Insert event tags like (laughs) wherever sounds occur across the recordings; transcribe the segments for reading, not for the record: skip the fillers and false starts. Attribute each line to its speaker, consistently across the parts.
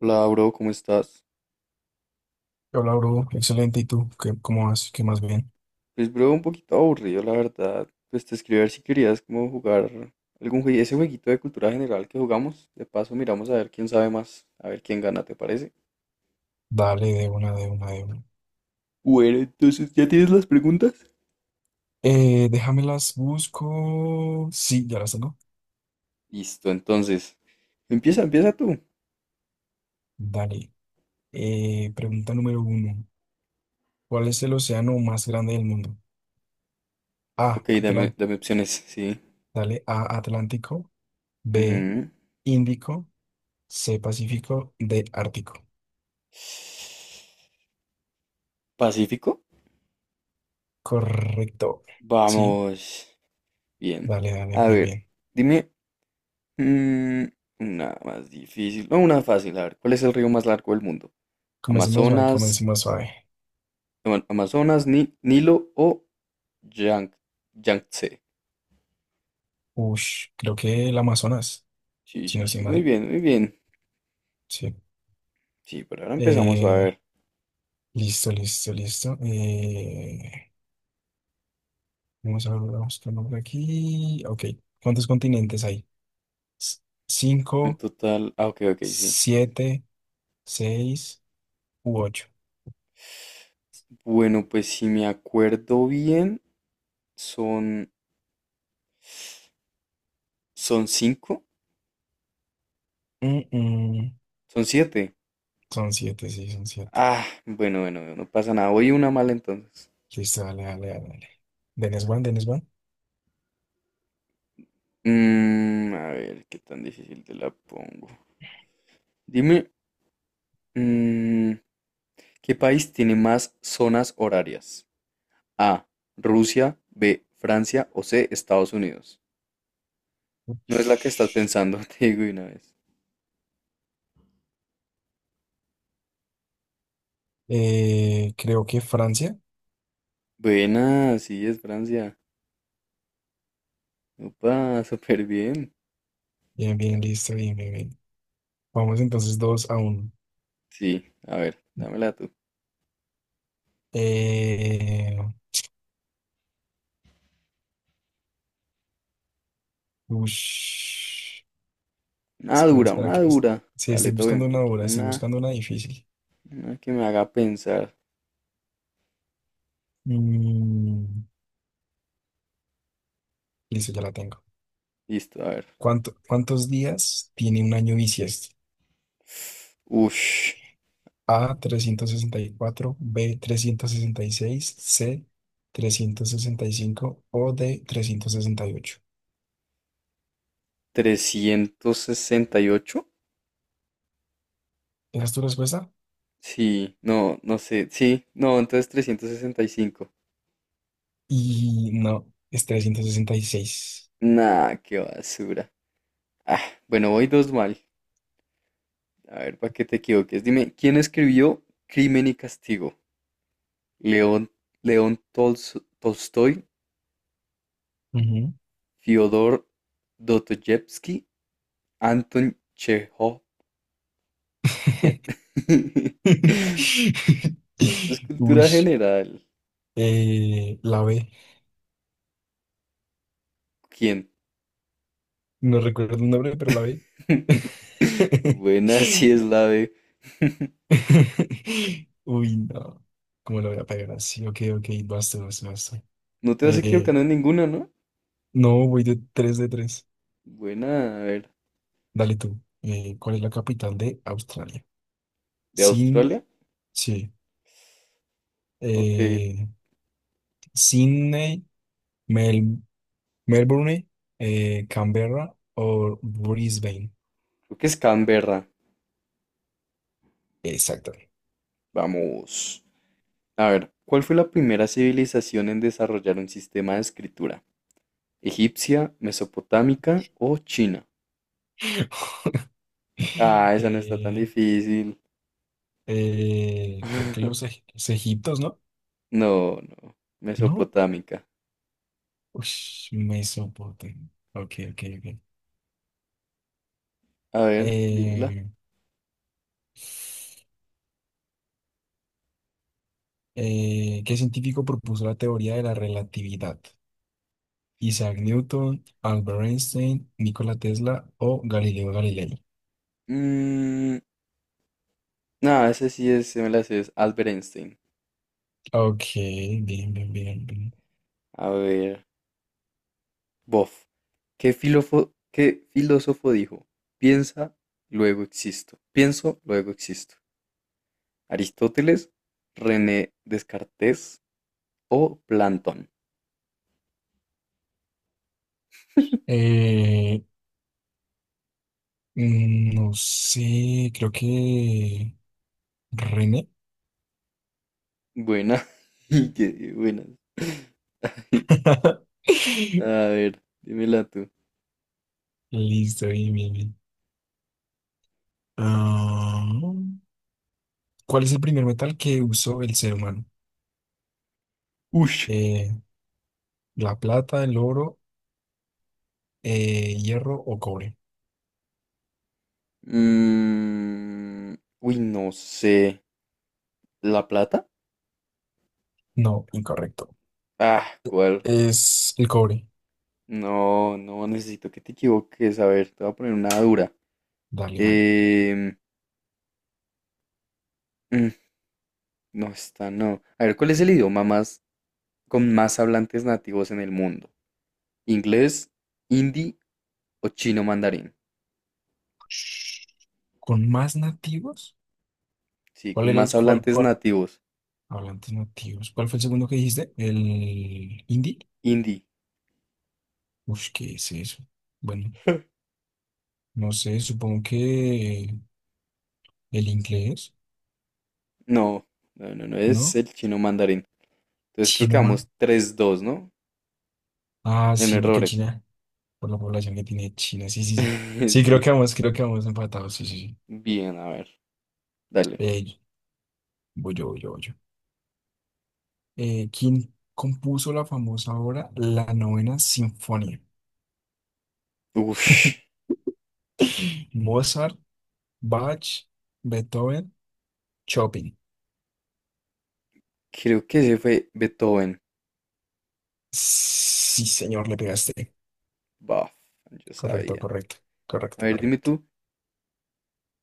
Speaker 1: Hola, bro, ¿cómo estás?
Speaker 2: Hola, bro. Excelente. ¿Y tú? ¿Qué, cómo vas? ¿Qué más bien?
Speaker 1: Pues, bro, un poquito aburrido, la verdad. Pues te escribí a ver si querías como jugar algún juego, ese jueguito de cultura general que jugamos. De paso, miramos a ver quién sabe más, a ver quién gana, ¿te parece?
Speaker 2: Dale, de una, de una, de una.
Speaker 1: Bueno, entonces, ¿ya tienes las preguntas?
Speaker 2: Déjamelas, busco. Sí, ya las tengo.
Speaker 1: Listo, entonces. Empieza, empieza tú.
Speaker 2: Dale. Pregunta número uno. ¿Cuál es el océano más grande del mundo? A,
Speaker 1: Ok, dame,
Speaker 2: Atlántico.
Speaker 1: dame opciones, sí.
Speaker 2: Dale, A, Atlántico. B,
Speaker 1: Ujú.
Speaker 2: Índico. C, Pacífico. D, Ártico.
Speaker 1: ¿Pacífico?
Speaker 2: Correcto. Sí,
Speaker 1: Vamos. Bien.
Speaker 2: dale, dale,
Speaker 1: A
Speaker 2: bien,
Speaker 1: ver,
Speaker 2: bien.
Speaker 1: dime mm, una más difícil. No, una fácil, a ver. ¿Cuál es el río más largo del mundo?
Speaker 2: Comencemos suave,
Speaker 1: Amazonas,
Speaker 2: comencemos suave.
Speaker 1: Amazonas, Nilo o Yang- Yangtze.
Speaker 2: Ush, creo que el Amazonas,
Speaker 1: Sí,
Speaker 2: si no
Speaker 1: sí, sí,
Speaker 2: estoy
Speaker 1: muy
Speaker 2: mal.
Speaker 1: bien, muy bien.
Speaker 2: Sí.
Speaker 1: Sí, por ahora empezamos a
Speaker 2: Eh,
Speaker 1: ver.
Speaker 2: Listo, listo. Vamos a ver, vamos con nombre aquí. Ok, ¿cuántos continentes hay? S-
Speaker 1: En
Speaker 2: Cinco,
Speaker 1: total, ah, ok, ok, sí.
Speaker 2: siete, seis u ocho.
Speaker 1: Bueno, pues si me acuerdo bien, son, son cinco,
Speaker 2: Mm, mm.
Speaker 1: son siete.
Speaker 2: Son siete, sí, son siete.
Speaker 1: Ah, bueno, bueno, bueno, no pasa nada. Voy una mala entonces.
Speaker 2: Listo, dale, dale, dale, dale. Dennis Van, Dennis Van.
Speaker 1: Mm, a ver, qué tan difícil te la pongo. Dime, mm, ¿qué país tiene más zonas horarias? A, Rusia, B, Francia o C, Estados Unidos. No es la que estás pensando, (laughs) te digo de una vez.
Speaker 2: Creo que Francia.
Speaker 1: Buena, sí, es Francia. Opa, súper bien.
Speaker 2: Bien, bien, listo, bien, bien, bien. Vamos entonces dos a uno.
Speaker 1: Sí, a ver, dámela tú.
Speaker 2: Eh, Ush.
Speaker 1: Una
Speaker 2: Espera,
Speaker 1: dura,
Speaker 2: espera,
Speaker 1: una
Speaker 2: que es-
Speaker 1: dura.
Speaker 2: Sí,
Speaker 1: Dale
Speaker 2: estoy
Speaker 1: todo bien,
Speaker 2: buscando una
Speaker 1: pero quiero
Speaker 2: dura, estoy buscando una difícil.
Speaker 1: una que me haga pensar.
Speaker 2: Mm, listo, ya la tengo.
Speaker 1: Listo, a ver.
Speaker 2: ¿Cuántos días tiene un año bisiesto?
Speaker 1: Ush,
Speaker 2: A, trescientos sesenta y cuatro, B, trescientos sesenta y seis, C, 365 o D, 368.
Speaker 1: 368.
Speaker 2: ¿Esa es tu respuesta?
Speaker 1: Sí, no, no sé. Sí, no, entonces 365.
Speaker 2: Y no, es 366.
Speaker 1: Nah, qué basura. Ah, bueno, voy dos mal. A ver, para que te equivoques, dime, ¿quién escribió Crimen y Castigo? ¿León, León Tolstoy,
Speaker 2: Ujú.
Speaker 1: Fyodor Dostoyevsky, Anton Chejov? ¿Quién? (laughs)
Speaker 2: (laughs)
Speaker 1: Es
Speaker 2: Uy,
Speaker 1: cultura general.
Speaker 2: la B.
Speaker 1: ¿Quién?
Speaker 2: No recuerdo el nombre, pero la B.
Speaker 1: (laughs)
Speaker 2: (laughs) (laughs)
Speaker 1: Buena, sí es la B. (laughs)
Speaker 2: Uy, no. ¿Cómo lo voy a pegar así? Ok, ok, basta, basta, basta.
Speaker 1: No te vas
Speaker 2: Eh,
Speaker 1: equivocando en ninguna, ¿no?
Speaker 2: no, voy de 3 de tres.
Speaker 1: Buena, a ver,
Speaker 2: Dale tú. ¿Cuál es la capital de Australia?
Speaker 1: ¿de
Speaker 2: Sin,
Speaker 1: Australia?
Speaker 2: sí.
Speaker 1: Ok, creo
Speaker 2: Eh, Sydney, Mel- Melbourne, Canberra o Brisbane.
Speaker 1: que es Canberra.
Speaker 2: Exacto.
Speaker 1: Vamos. A ver, ¿cuál fue la primera civilización en desarrollar un sistema de escritura? ¿Egipcia, mesopotámica o China?
Speaker 2: (laughs)
Speaker 1: Ah, esa no está tan
Speaker 2: Eh,
Speaker 1: difícil.
Speaker 2: Creo que los,
Speaker 1: (laughs)
Speaker 2: los egiptos, ¿no?
Speaker 1: No, no.
Speaker 2: No,
Speaker 1: Mesopotámica.
Speaker 2: ush, me Mesopotamia. Ok, ok, ok.
Speaker 1: A ver, dímela.
Speaker 2: Eh, ¿Qué científico propuso la teoría de la relatividad? Isaac Newton, Albert Einstein, Nikola Tesla o Galileo Galilei.
Speaker 1: Mm, no, ese sí es, se me la sé, es Albert Einstein.
Speaker 2: Ok, bien, bien, bien, bien.
Speaker 1: A ver, bof. ¿Qué filósofo dijo? Piensa, luego existo. Pienso, luego existo. ¿Aristóteles, René Descartes o Plantón?
Speaker 2: Eh, no sé, creo que René.
Speaker 1: Buena. (laughs) Qué buena. (laughs)
Speaker 2: (laughs)
Speaker 1: A ver, dímela tú.
Speaker 2: Listo, bien, bien, bien. Ah, ¿Cuál es el primer metal que usó el ser humano?
Speaker 1: Ush.
Speaker 2: Eh, La plata, el oro, hierro o cobre.
Speaker 1: Mm, uy, no sé. ¿La plata?
Speaker 2: No, incorrecto.
Speaker 1: Ah, ¿cuál?
Speaker 2: Es el cobre.
Speaker 1: No, no, necesito que te equivoques. A ver, te voy a poner una dura.
Speaker 2: Dale, dale, dale.
Speaker 1: Em, mm, no, está, no. A ver, ¿cuál es el idioma más con más hablantes nativos en el mundo? ¿Inglés, hindi o chino mandarín?
Speaker 2: ¿Con más nativos?
Speaker 1: Sí,
Speaker 2: ¿Cuál
Speaker 1: con
Speaker 2: era el...
Speaker 1: más
Speaker 2: cuál,
Speaker 1: hablantes
Speaker 2: cuál-
Speaker 1: nativos.
Speaker 2: Hablantes nativos. ¿Cuál fue el segundo que dijiste? ¿El hindi?
Speaker 1: Hindi.
Speaker 2: Uf, ¿qué es eso? Bueno,
Speaker 1: (laughs)
Speaker 2: no sé, supongo que el inglés,
Speaker 1: No, no, no, no es
Speaker 2: ¿no?
Speaker 1: el chino mandarín. Entonces creo que
Speaker 2: Chino más.
Speaker 1: vamos 3-2, ¿no?
Speaker 2: Ah,
Speaker 1: En
Speaker 2: sí, porque
Speaker 1: errores.
Speaker 2: China, por la población que tiene China, sí, sí, sí. Sí,
Speaker 1: (laughs) Sí.
Speaker 2: creo que vamos empatados, sí, sí, sí.
Speaker 1: Bien, a ver. Dale.
Speaker 2: Eh, Voy yo, voy yo, voy yo, ¿quién compuso la famosa obra La Novena Sinfonía?
Speaker 1: Ush.
Speaker 2: (laughs) Mozart, Bach, Beethoven, Chopin.
Speaker 1: Creo que ese fue Beethoven.
Speaker 2: Sí, señor, le pegaste.
Speaker 1: Bah, yo
Speaker 2: Correcto,
Speaker 1: sabía.
Speaker 2: correcto,
Speaker 1: A
Speaker 2: correcto,
Speaker 1: ver, dime
Speaker 2: correcto.
Speaker 1: tú,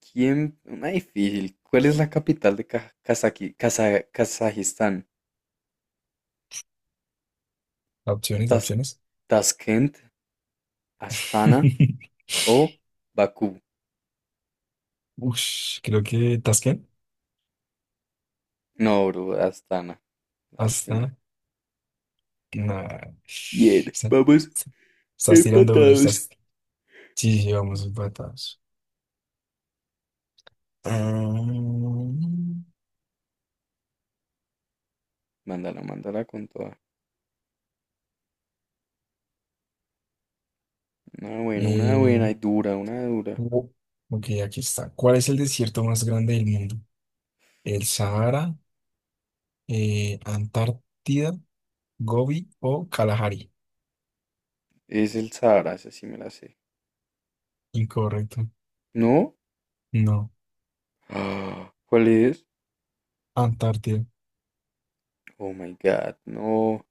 Speaker 1: ¿quién? Una difícil. ¿Cuál es la capital de Kazajistán?
Speaker 2: Opciones,
Speaker 1: ¿Tas-
Speaker 2: opciones.
Speaker 1: ¿Tashkent? ¿Astana?
Speaker 2: (laughs)
Speaker 1: ¿O Bakú?
Speaker 2: Ush, creo que Tasken.
Speaker 1: No, bro, Astana. Lástima.
Speaker 2: Hasta. Nah.
Speaker 1: Bien, vamos
Speaker 2: Está- Estás tirando duro,
Speaker 1: empatados.
Speaker 2: estás. Sí, sí, vamos empatados. Ah,
Speaker 1: Mándala, mándala con toda. Una
Speaker 2: eh,
Speaker 1: buena y dura, una dura.
Speaker 2: Oh, Ok, aquí está. ¿Cuál es el desierto más grande del mundo? ¿El Sahara, Antártida, Gobi o Kalahari?
Speaker 1: Es el Sahara, esa sí me la sé.
Speaker 2: Incorrecto.
Speaker 1: ¿No?
Speaker 2: No,
Speaker 1: Ah, ¿cuál es?
Speaker 2: Antártida.
Speaker 1: Oh my God, no.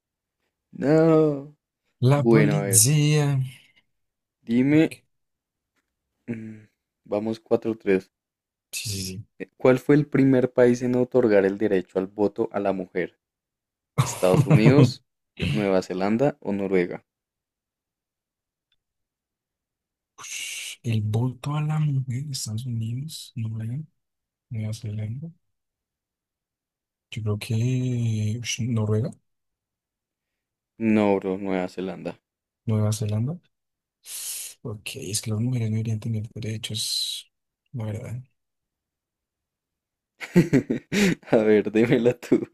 Speaker 1: No.
Speaker 2: La
Speaker 1: Bueno, a ver,
Speaker 2: policía.
Speaker 1: dime. mm, Vamos 4-3.
Speaker 2: Sí, sí, sí.
Speaker 1: ¿Cuál fue el primer país en otorgar el derecho al voto a la mujer? ¿Estados Unidos,
Speaker 2: (laughs)
Speaker 1: Nueva Zelanda o Noruega?
Speaker 2: Ush, el voto a la mujer de Estados Unidos, Noruega, Nueva Zelanda. Yo creo que ush, Noruega,
Speaker 1: No, bro, Nueva Zelanda.
Speaker 2: Nueva Zelanda. Ok, es que las mujeres no deberían tener derechos, la verdad.
Speaker 1: (laughs) A ver, démela tú.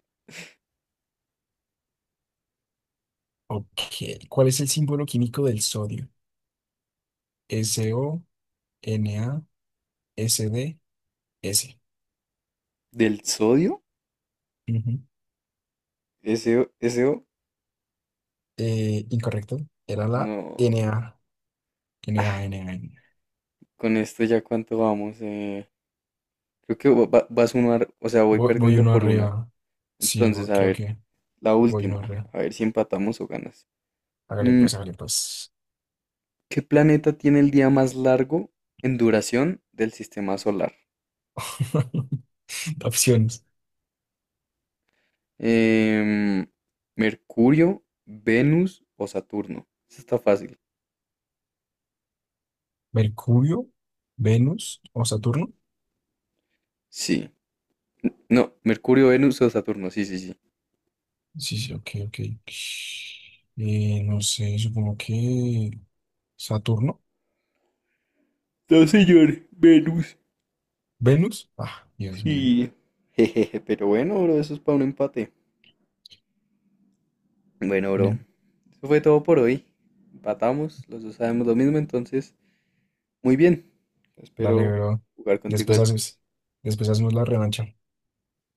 Speaker 2: Ok. ¿Cuál es el símbolo químico del sodio? S, SO, Na, SD, S. D, S.
Speaker 1: ¿Del sodio?
Speaker 2: Ujú.
Speaker 1: ¿Ese, ese?
Speaker 2: Incorrecto. Era la
Speaker 1: No.
Speaker 2: Na. Na,
Speaker 1: Ah,
Speaker 2: Na, Na.
Speaker 1: con esto ya cuánto vamos. ¿Eh? Creo que vas uno, o sea, voy
Speaker 2: Voy
Speaker 1: perdiendo
Speaker 2: uno
Speaker 1: por una.
Speaker 2: arriba. Sí,
Speaker 1: Entonces, a
Speaker 2: creo
Speaker 1: ver,
Speaker 2: que
Speaker 1: la
Speaker 2: voy uno
Speaker 1: última.
Speaker 2: arriba.
Speaker 1: A ver si empatamos o ganas.
Speaker 2: Hágale
Speaker 1: Mm,
Speaker 2: pues, hágale pues.
Speaker 1: ¿qué planeta tiene el día más largo en duración del sistema solar?
Speaker 2: (laughs) Opciones.
Speaker 1: Em, ¿Mercurio, Venus o Saturno? Eso está fácil.
Speaker 2: Mercurio, Venus o Saturno.
Speaker 1: Sí. No, Mercurio, Venus o Saturno. Sí, sí, sí.
Speaker 2: Sí, sí, ok, ok. No sé, supongo que Saturno.
Speaker 1: No, señor, Venus.
Speaker 2: Venus. Ah, Dios mío.
Speaker 1: Sí. (laughs) Jejeje, pero bueno, bro, eso es para un empate. Bueno, bro, eso fue todo por hoy. Empatamos, los dos sabemos lo mismo, entonces, muy bien.
Speaker 2: Dale,
Speaker 1: Espero
Speaker 2: bro.
Speaker 1: jugar contigo
Speaker 2: Después
Speaker 1: después.
Speaker 2: haces, después hacemos la revancha.